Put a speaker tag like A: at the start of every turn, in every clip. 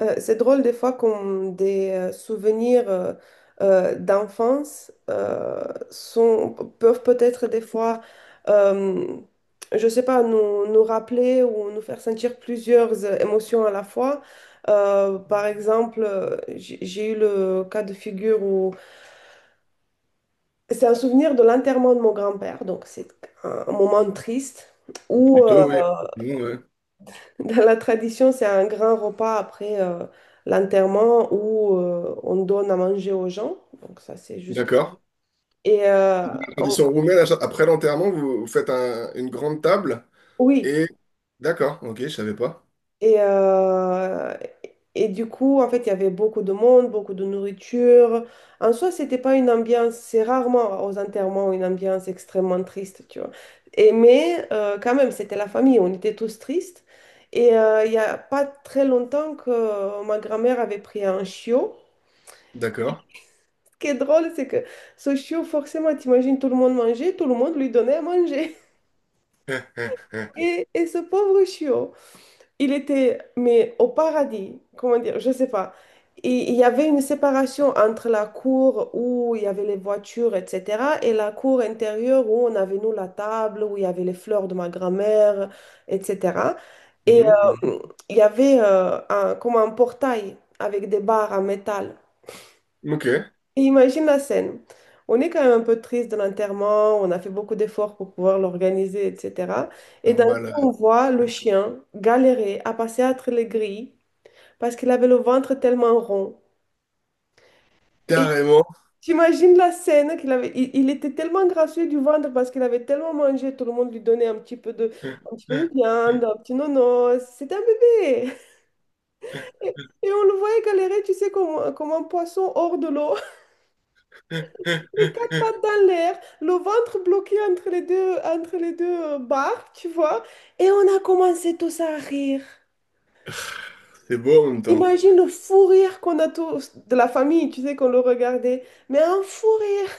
A: C'est drôle des fois quand des souvenirs d'enfance sont, peuvent peut-être des fois, euh, je sais pas, nous nous rappeler ou nous faire sentir plusieurs émotions à la fois. Par exemple, j'ai eu le cas de figure où c'est un souvenir de l'enterrement de mon grand-père, donc c'est un moment triste où
B: Plutôt, oui. Bon, ouais.
A: Dans la tradition, c'est un grand repas après l'enterrement où on donne à manger aux gens. Donc ça, c'est juste.
B: D'accord.
A: Et euh,
B: La
A: on-
B: tradition roumaine, après l'enterrement, vous, vous faites une grande table
A: oui.
B: et... D'accord, ok, je savais pas.
A: Et, euh, du coup, en fait, il y avait beaucoup de monde, beaucoup de nourriture. En soi, c'était pas une ambiance. C'est rarement aux enterrements une ambiance extrêmement triste, tu vois. Mais quand même, c'était la famille. On était tous tristes. Il y a pas très longtemps que ma grand-mère avait pris un chiot.
B: D'accord.
A: Qui est drôle, c'est que ce chiot, forcément, t'imagines tout le monde manger, tout le monde lui donnait à manger. Et ce pauvre chiot, il était, mais au paradis, comment dire, je sais pas. Et il y avait une séparation entre la cour où il y avait les voitures, etc., et la cour intérieure où on avait, nous, la table, où il y avait les fleurs de ma grand-mère, etc. Et
B: Mhm, mhm.
A: euh, il y avait un, comme un portail avec des barres en métal.
B: Ok.
A: Et imagine la scène. On est quand même un peu triste de l'enterrement, on a fait beaucoup d'efforts pour pouvoir l'organiser, etc. Et d'un
B: Normal,
A: coup, on voit le chien galérer à passer entre les grilles parce qu'il avait le ventre tellement rond. Et
B: carrément.
A: t'imagines la scène qu'il avait, il était tellement gracieux du ventre parce qu'il avait tellement mangé, tout le monde lui donnait un petit peu de viande, un petit nono. C'était un bébé. Et, et on le voyait galérer, tu sais, comme un poisson hors de l'eau. Les quatre pattes dans l'air, le ventre bloqué entre les deux barres, tu vois. Et on a commencé tous à rire.
B: C'est beau en même temps.
A: Imagine le fou rire qu'on a tous, de la famille, tu sais, qu'on le regardait. Mais un fou rire.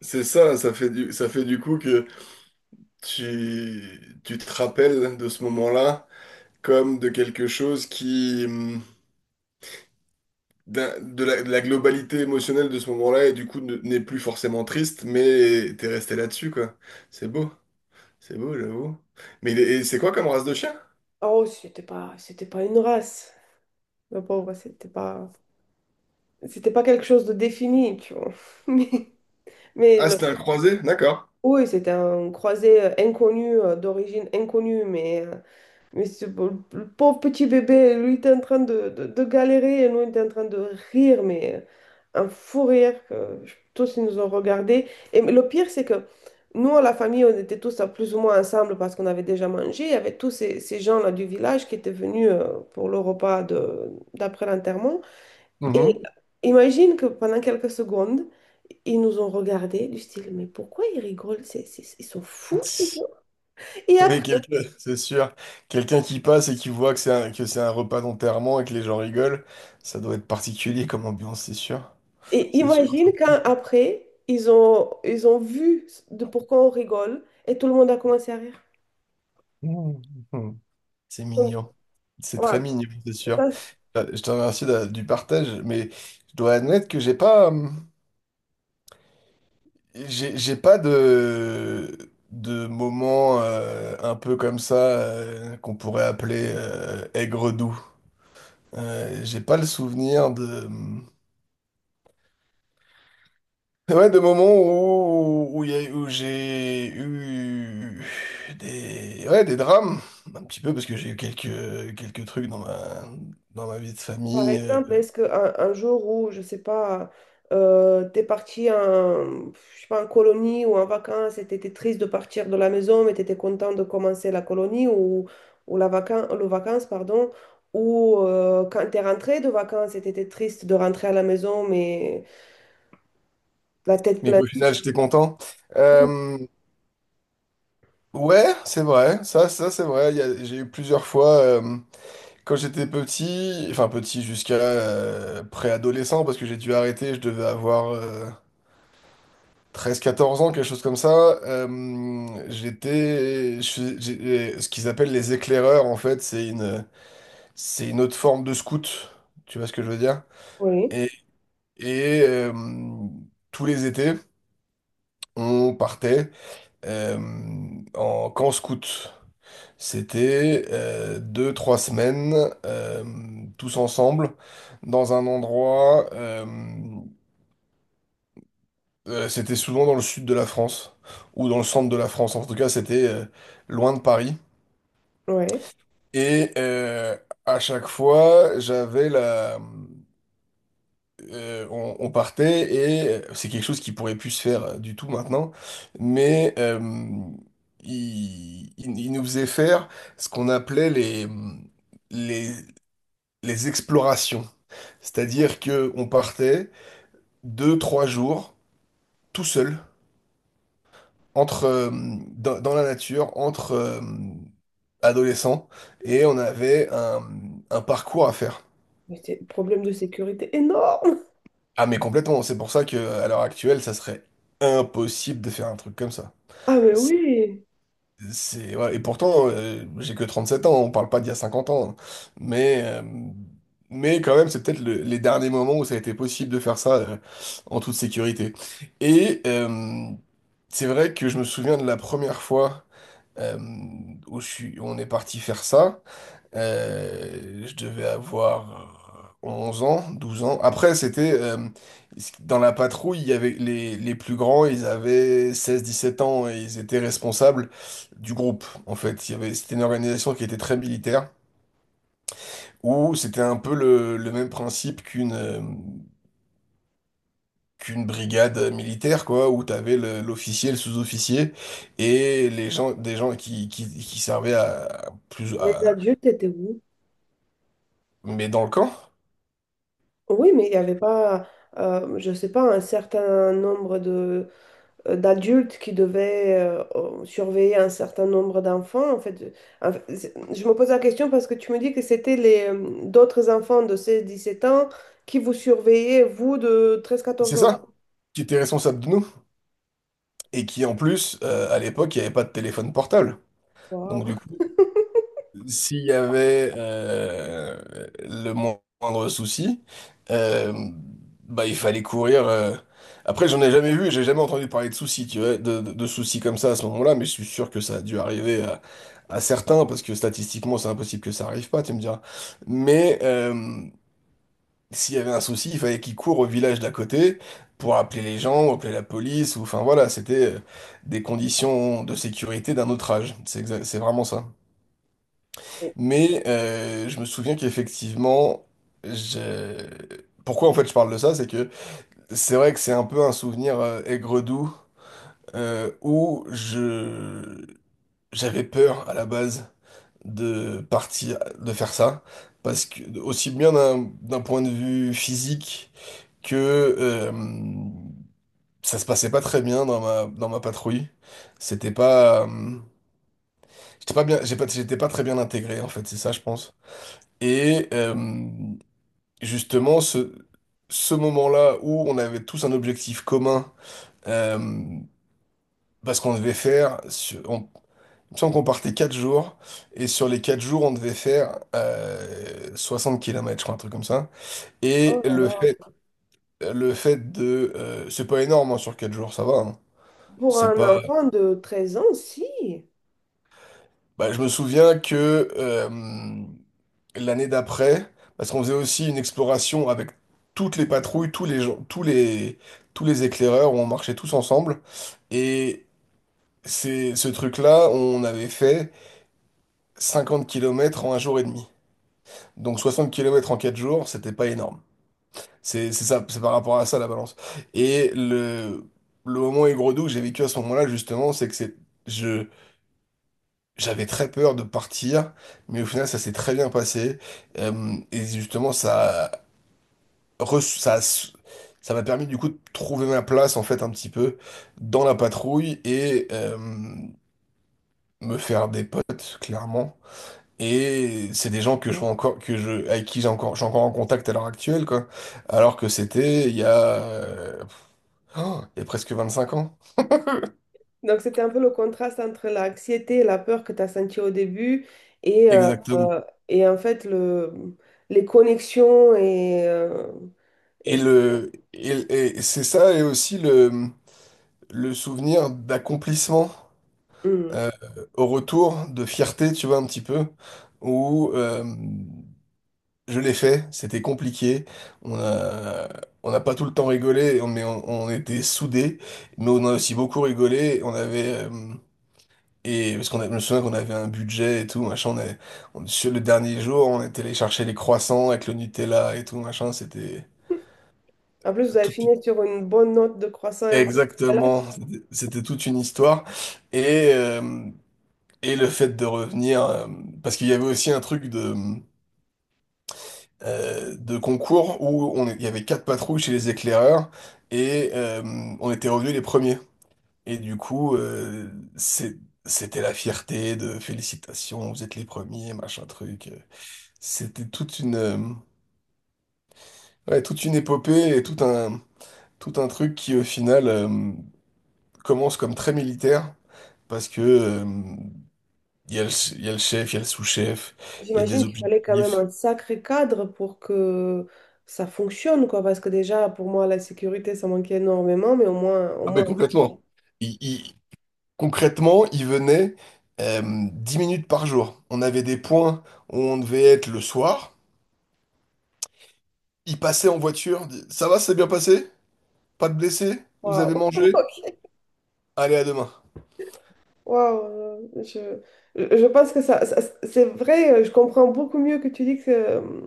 B: C'est ça, ça fait du coup que tu te rappelles de ce moment-là comme de quelque chose qui, de la globalité émotionnelle de ce moment-là et du coup n'est plus forcément triste, mais t'es resté là-dessus, quoi. C'est beau, c'est beau, j'avoue. Mais et c'est quoi comme race de chien?
A: Oh, c'était pas une race. Le pauvre, c'était pas quelque chose de défini, tu vois. Mais, mais
B: Ah,
A: le-
B: c'était un croisé, d'accord.
A: oui, c'était un croisé inconnu, d'origine inconnue, mais le pauvre petit bébé, lui, il était en train de galérer et nous, on était en train de rire, mais un fou rire tous, ils nous ont regardé. Et le pire, c'est que nous, à la famille, on était tous plus ou moins ensemble parce qu'on avait déjà mangé. Il y avait tous ces gens-là du village qui étaient venus pour le repas d'après l'enterrement. Et
B: Mhm.
A: imagine que pendant quelques secondes, ils nous ont regardés du style, mais pourquoi ils rigolent? Ils sont fous, ces gens. Et
B: Oui,
A: après,
B: quelqu'un, c'est sûr. Quelqu'un qui passe et qui voit que que c'est un repas d'enterrement et que les gens rigolent, ça doit être particulier comme ambiance, c'est sûr.
A: Et
B: C'est sûr.
A: imagine quand après, ils ont vu de pourquoi on rigole et tout le monde a commencé à rire.
B: Mhm. C'est
A: Donc,
B: mignon. C'est très
A: voilà.
B: mignon, c'est sûr.
A: Ça, c'est-
B: Je te remercie du partage, mais je dois admettre que j'ai pas. J'ai pas de moment un peu comme ça qu'on pourrait appeler aigre-doux. J'ai pas le souvenir de. Ouais, de moments où, où j'ai eu des, ouais, des drames, un petit peu, parce que j'ai eu quelques trucs dans ma vie de
A: par
B: famille,
A: exemple, est-ce qu'un un jour où, je sais pas, t'es parti en, je sais pas, en colonie ou en vacances et t'étais triste de partir de la maison, mais t'étais content de commencer la colonie ou la vacan le vacances, pardon, ou quand t'es rentré de vacances et t'étais triste de rentrer à la maison, mais la tête
B: mais
A: pleine
B: qu'au
A: de
B: final j'étais content.
A: soucis.
B: Euh, ouais, c'est vrai, ça c'est vrai, j'ai eu plusieurs fois. Quand j'étais petit, enfin petit jusqu'à préadolescent, parce que j'ai dû arrêter, je devais avoir 13-14 ans, quelque chose comme ça, euh, j'étais, je suis- j'ai- ce qu'ils appellent les éclaireurs, en fait, c'est une autre forme de scout, tu vois ce que je veux dire?
A: Oui,
B: Et, et, tous les étés, on partait euh, en camp scout. C'était deux, trois semaines euh, tous ensemble dans un endroit. C'était souvent dans le sud de la France ou dans le centre de la France. En tout cas, c'était loin de Paris.
A: oui.
B: Et à chaque fois, j'avais la. On partait et c'est quelque chose qui pourrait plus se faire du tout maintenant, mais il nous faisait faire ce qu'on appelait les les explorations. C'est-à-dire que on partait deux, trois jours tout seul entre dans la nature, entre adolescents, et on avait un parcours à faire.
A: Mais c'est un problème de sécurité énorme.
B: Ah mais complètement, c'est pour ça que à l'heure actuelle, ça serait impossible de faire un truc comme ça.
A: Ah, mais oui,
B: Ouais, et pourtant, j'ai que 37 ans, on parle pas d'il y a 50 ans. Hein. Mais, euh, mais quand même, c'est peut-être les derniers moments où ça a été possible de faire ça en toute sécurité. Et c'est vrai que je me souviens de la première fois euh, où on est parti faire ça. Je devais avoir 11 ans, 12 ans. Après, c'était dans la patrouille, il y avait les plus grands, ils avaient 16-17 ans et ils étaient responsables du groupe, en fait. C'était une organisation qui était très militaire, où c'était un peu le même principe qu'une qu'une brigade militaire, quoi, où tu avais l'officier, le sous-officier, et des gens qui servaient à plus
A: les
B: à,
A: adultes étaient où?
B: mais dans le camp,
A: Oui, mais il n'y avait pas, je ne sais pas, un certain nombre d'adultes qui devaient surveiller un certain nombre d'enfants. En fait, je me pose la question parce que tu me dis que c'était les d'autres enfants de 17 ans qui vous surveillaient, vous, de treize
B: c'est
A: quatorze ans.
B: ça, qui étaient responsables de nous. Et qui en plus, à l'époque, il n'y avait pas de téléphone portable. Donc du
A: Waouh.
B: coup, s'il y avait le moindre souci, euh, bah, il fallait courir. Après, j'en ai jamais vu, j'ai jamais entendu parler de soucis, tu vois, de soucis comme ça à ce moment-là, mais je suis sûr que ça a dû arriver à certains, parce que statistiquement, c'est impossible que ça arrive pas, tu me diras. Mais, s'il y avait un souci, il fallait qu'il court au village d'à côté pour appeler les gens, ou appeler la police, ou enfin voilà, c'était des conditions de sécurité d'un autre âge. C'est vraiment ça. Mais je me souviens qu'effectivement, je- pourquoi en fait je parle de ça, c'est que c'est vrai que c'est un peu un souvenir aigre-doux où je j'avais peur à la base de partir, de faire ça, parce que aussi bien d'un point de vue physique que euh, ça se passait pas très bien dans ma patrouille. C'était pas, j'étais pas bien, j'ai pas, j'étais pas très bien intégré en fait, c'est ça je pense. Et justement ce moment-là où on avait tous un objectif commun, euh, parce qu'on devait faire, il me semble qu'on partait 4 jours, et sur les 4 jours on devait faire 60 km, je crois, un truc comme ça. Et
A: Oh là
B: le fait,
A: là.
B: c'est pas énorme hein, sur 4 jours, ça va. Hein.
A: Pour
B: C'est
A: un
B: pas,
A: enfant de 13 ans, si.
B: bah, je me souviens que l'année d'après, parce qu'on faisait aussi une exploration avec toutes les patrouilles, tous les gens, tous les éclaireurs, on marchait tous ensemble. Et c'est ce truc-là, on avait fait 50 kilomètres en un jour et demi. Donc 60 kilomètres en 4 jours, c'était pas énorme. C'est ça, c'est par rapport à ça la balance. Et le moment aigre-doux que j'ai vécu à ce moment-là, justement, c'est que c'est, je, j'avais très peur de partir, mais au final, ça s'est très bien passé. Et justement, ça, a reçu- ça, a s- ça m'a permis du coup de trouver ma place, en fait, un petit peu dans la patrouille et me faire des potes, clairement. Et c'est des gens que je vois encore, avec qui je suis encore en contact à l'heure actuelle, quoi. Alors que c'était il y a, oh, il y a presque 5 ans.
A: Donc, c'était un peu le contraste entre l'anxiété et la peur que tu as senti au début et, euh,
B: Exactement.
A: euh, en fait les connexions
B: Et
A: et-
B: le, et c'est ça, et aussi le souvenir d'accomplissement
A: hum.
B: euh, au retour de fierté, tu vois, un petit peu, où je l'ai fait, c'était compliqué, on a, on n'a pas tout le temps rigolé, mais on était soudés, mais on a aussi beaucoup rigolé, on avait. Et je me souviens qu'on avait un budget et tout, machin, sur le dernier jour, on était allé chercher les croissants avec le Nutella et tout, machin, c'était
A: En plus, vous avez
B: tout,
A: fini sur une bonne note de croissant. Voilà.
B: exactement, c'était toute une histoire. Et, euh, Et le fait de revenir, parce qu'il y avait aussi un truc de concours il y avait quatre patrouilles chez les éclaireurs et on était revenus les premiers. Et du coup, c'est- c'était la fierté de félicitations, vous êtes les premiers, machin truc. C'était toute une, ouais, toute une épopée et tout un truc qui au final commence comme très militaire parce que il y a le, il y a le chef, il y a le sous-chef, il y a
A: J'imagine
B: des
A: qu'il fallait quand même
B: objectifs.
A: un sacré cadre pour que ça fonctionne, quoi, parce que déjà, pour moi, la sécurité, ça manquait énormément, mais au
B: Ah ben
A: moins,
B: complètement. Il- il- concrètement, il venait euh, 10 minutes par jour. On avait des points où on devait être le soir. Il passait en voiture. Dit, ça va, c'est bien passé? Pas de blessés? Vous avez
A: waouh.
B: mangé? Allez, à demain.
A: Wow, je pense que c'est vrai, je comprends beaucoup mieux que tu dis que,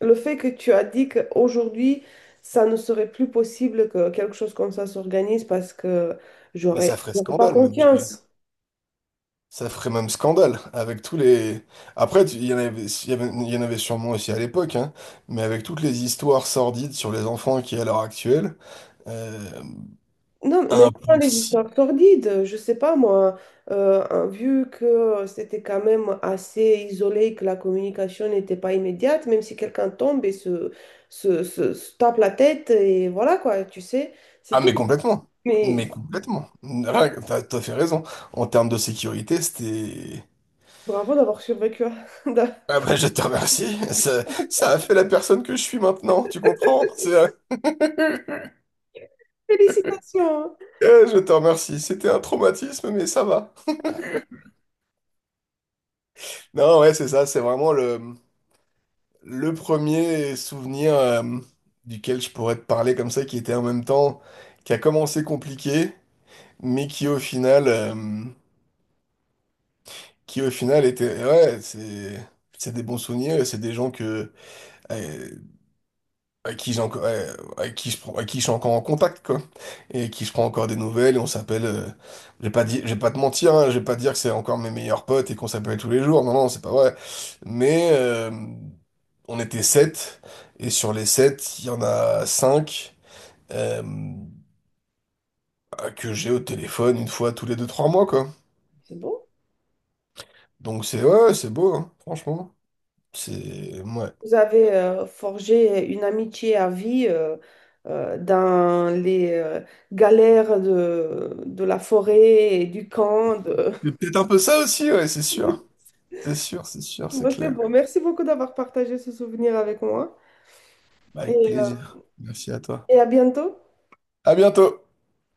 A: Le fait que tu as dit qu'aujourd'hui, ça ne serait plus possible que quelque chose comme ça s'organise parce que
B: Mais ça
A: j'aurais
B: ferait
A: j'aurais pas
B: scandale même, je dirais.
A: confiance.
B: Ça ferait même scandale avec tous les. Après, il y en avait, il y en avait sûrement aussi à l'époque, hein, mais avec toutes les histoires sordides sur les enfants qui est à l'heure actuelle, euh,
A: Non, mais même pas les
B: impossible.
A: histoires sordides, je sais pas moi, hein, vu que c'était quand même assez isolé, et que la communication n'était pas immédiate, même si quelqu'un tombe et se tape la tête, et voilà quoi, tu sais, c'est
B: Ah mais
A: tout.
B: complètement, mais
A: Mais
B: complètement. Rien que- T'as fait raison. En termes de sécurité, c'était.
A: bravo d'avoir survécu.
B: Ah bah je te remercie. Ça a fait la personne que je suis maintenant, tu comprends?
A: Félicitations!
B: Eh, je te remercie. C'était un traumatisme, mais ça va. Non, ouais, c'est ça. C'est vraiment le premier souvenir duquel je pourrais te parler comme ça, qui était en même temps, qui a commencé compliqué, mais qui au final était... Ouais, c'est... C'est des bons souvenirs et c'est des gens que... euh, Avec qui j'ai encore, ouais, avec qui avec qui je suis encore en contact, quoi. Et qui je prends encore des nouvelles et on s'appelle, je vais pas dire, je vais pas te mentir, hein, je vais pas dire que c'est encore mes meilleurs potes et qu'on s'appelle tous les jours. Non, non, c'est pas vrai. Mais, on était sept et sur les sept, il y en a cinq, euh, bah, que j'ai au téléphone une fois tous les deux, trois mois, quoi.
A: C'est bon.
B: Donc c'est, ouais, ouais, c'est beau, hein, franchement. C'est, ouais.
A: Vous avez forgé une amitié à vie dans les galères de la forêt et du camp.
B: C'est peut-être un peu ça aussi, ouais, c'est sûr. C'est sûr, c'est sûr, c'est
A: Bon, c'est
B: clair.
A: bon. Merci beaucoup d'avoir partagé ce souvenir avec moi
B: Avec
A: et, euh,
B: plaisir. Merci à toi.
A: et à bientôt.
B: À bientôt!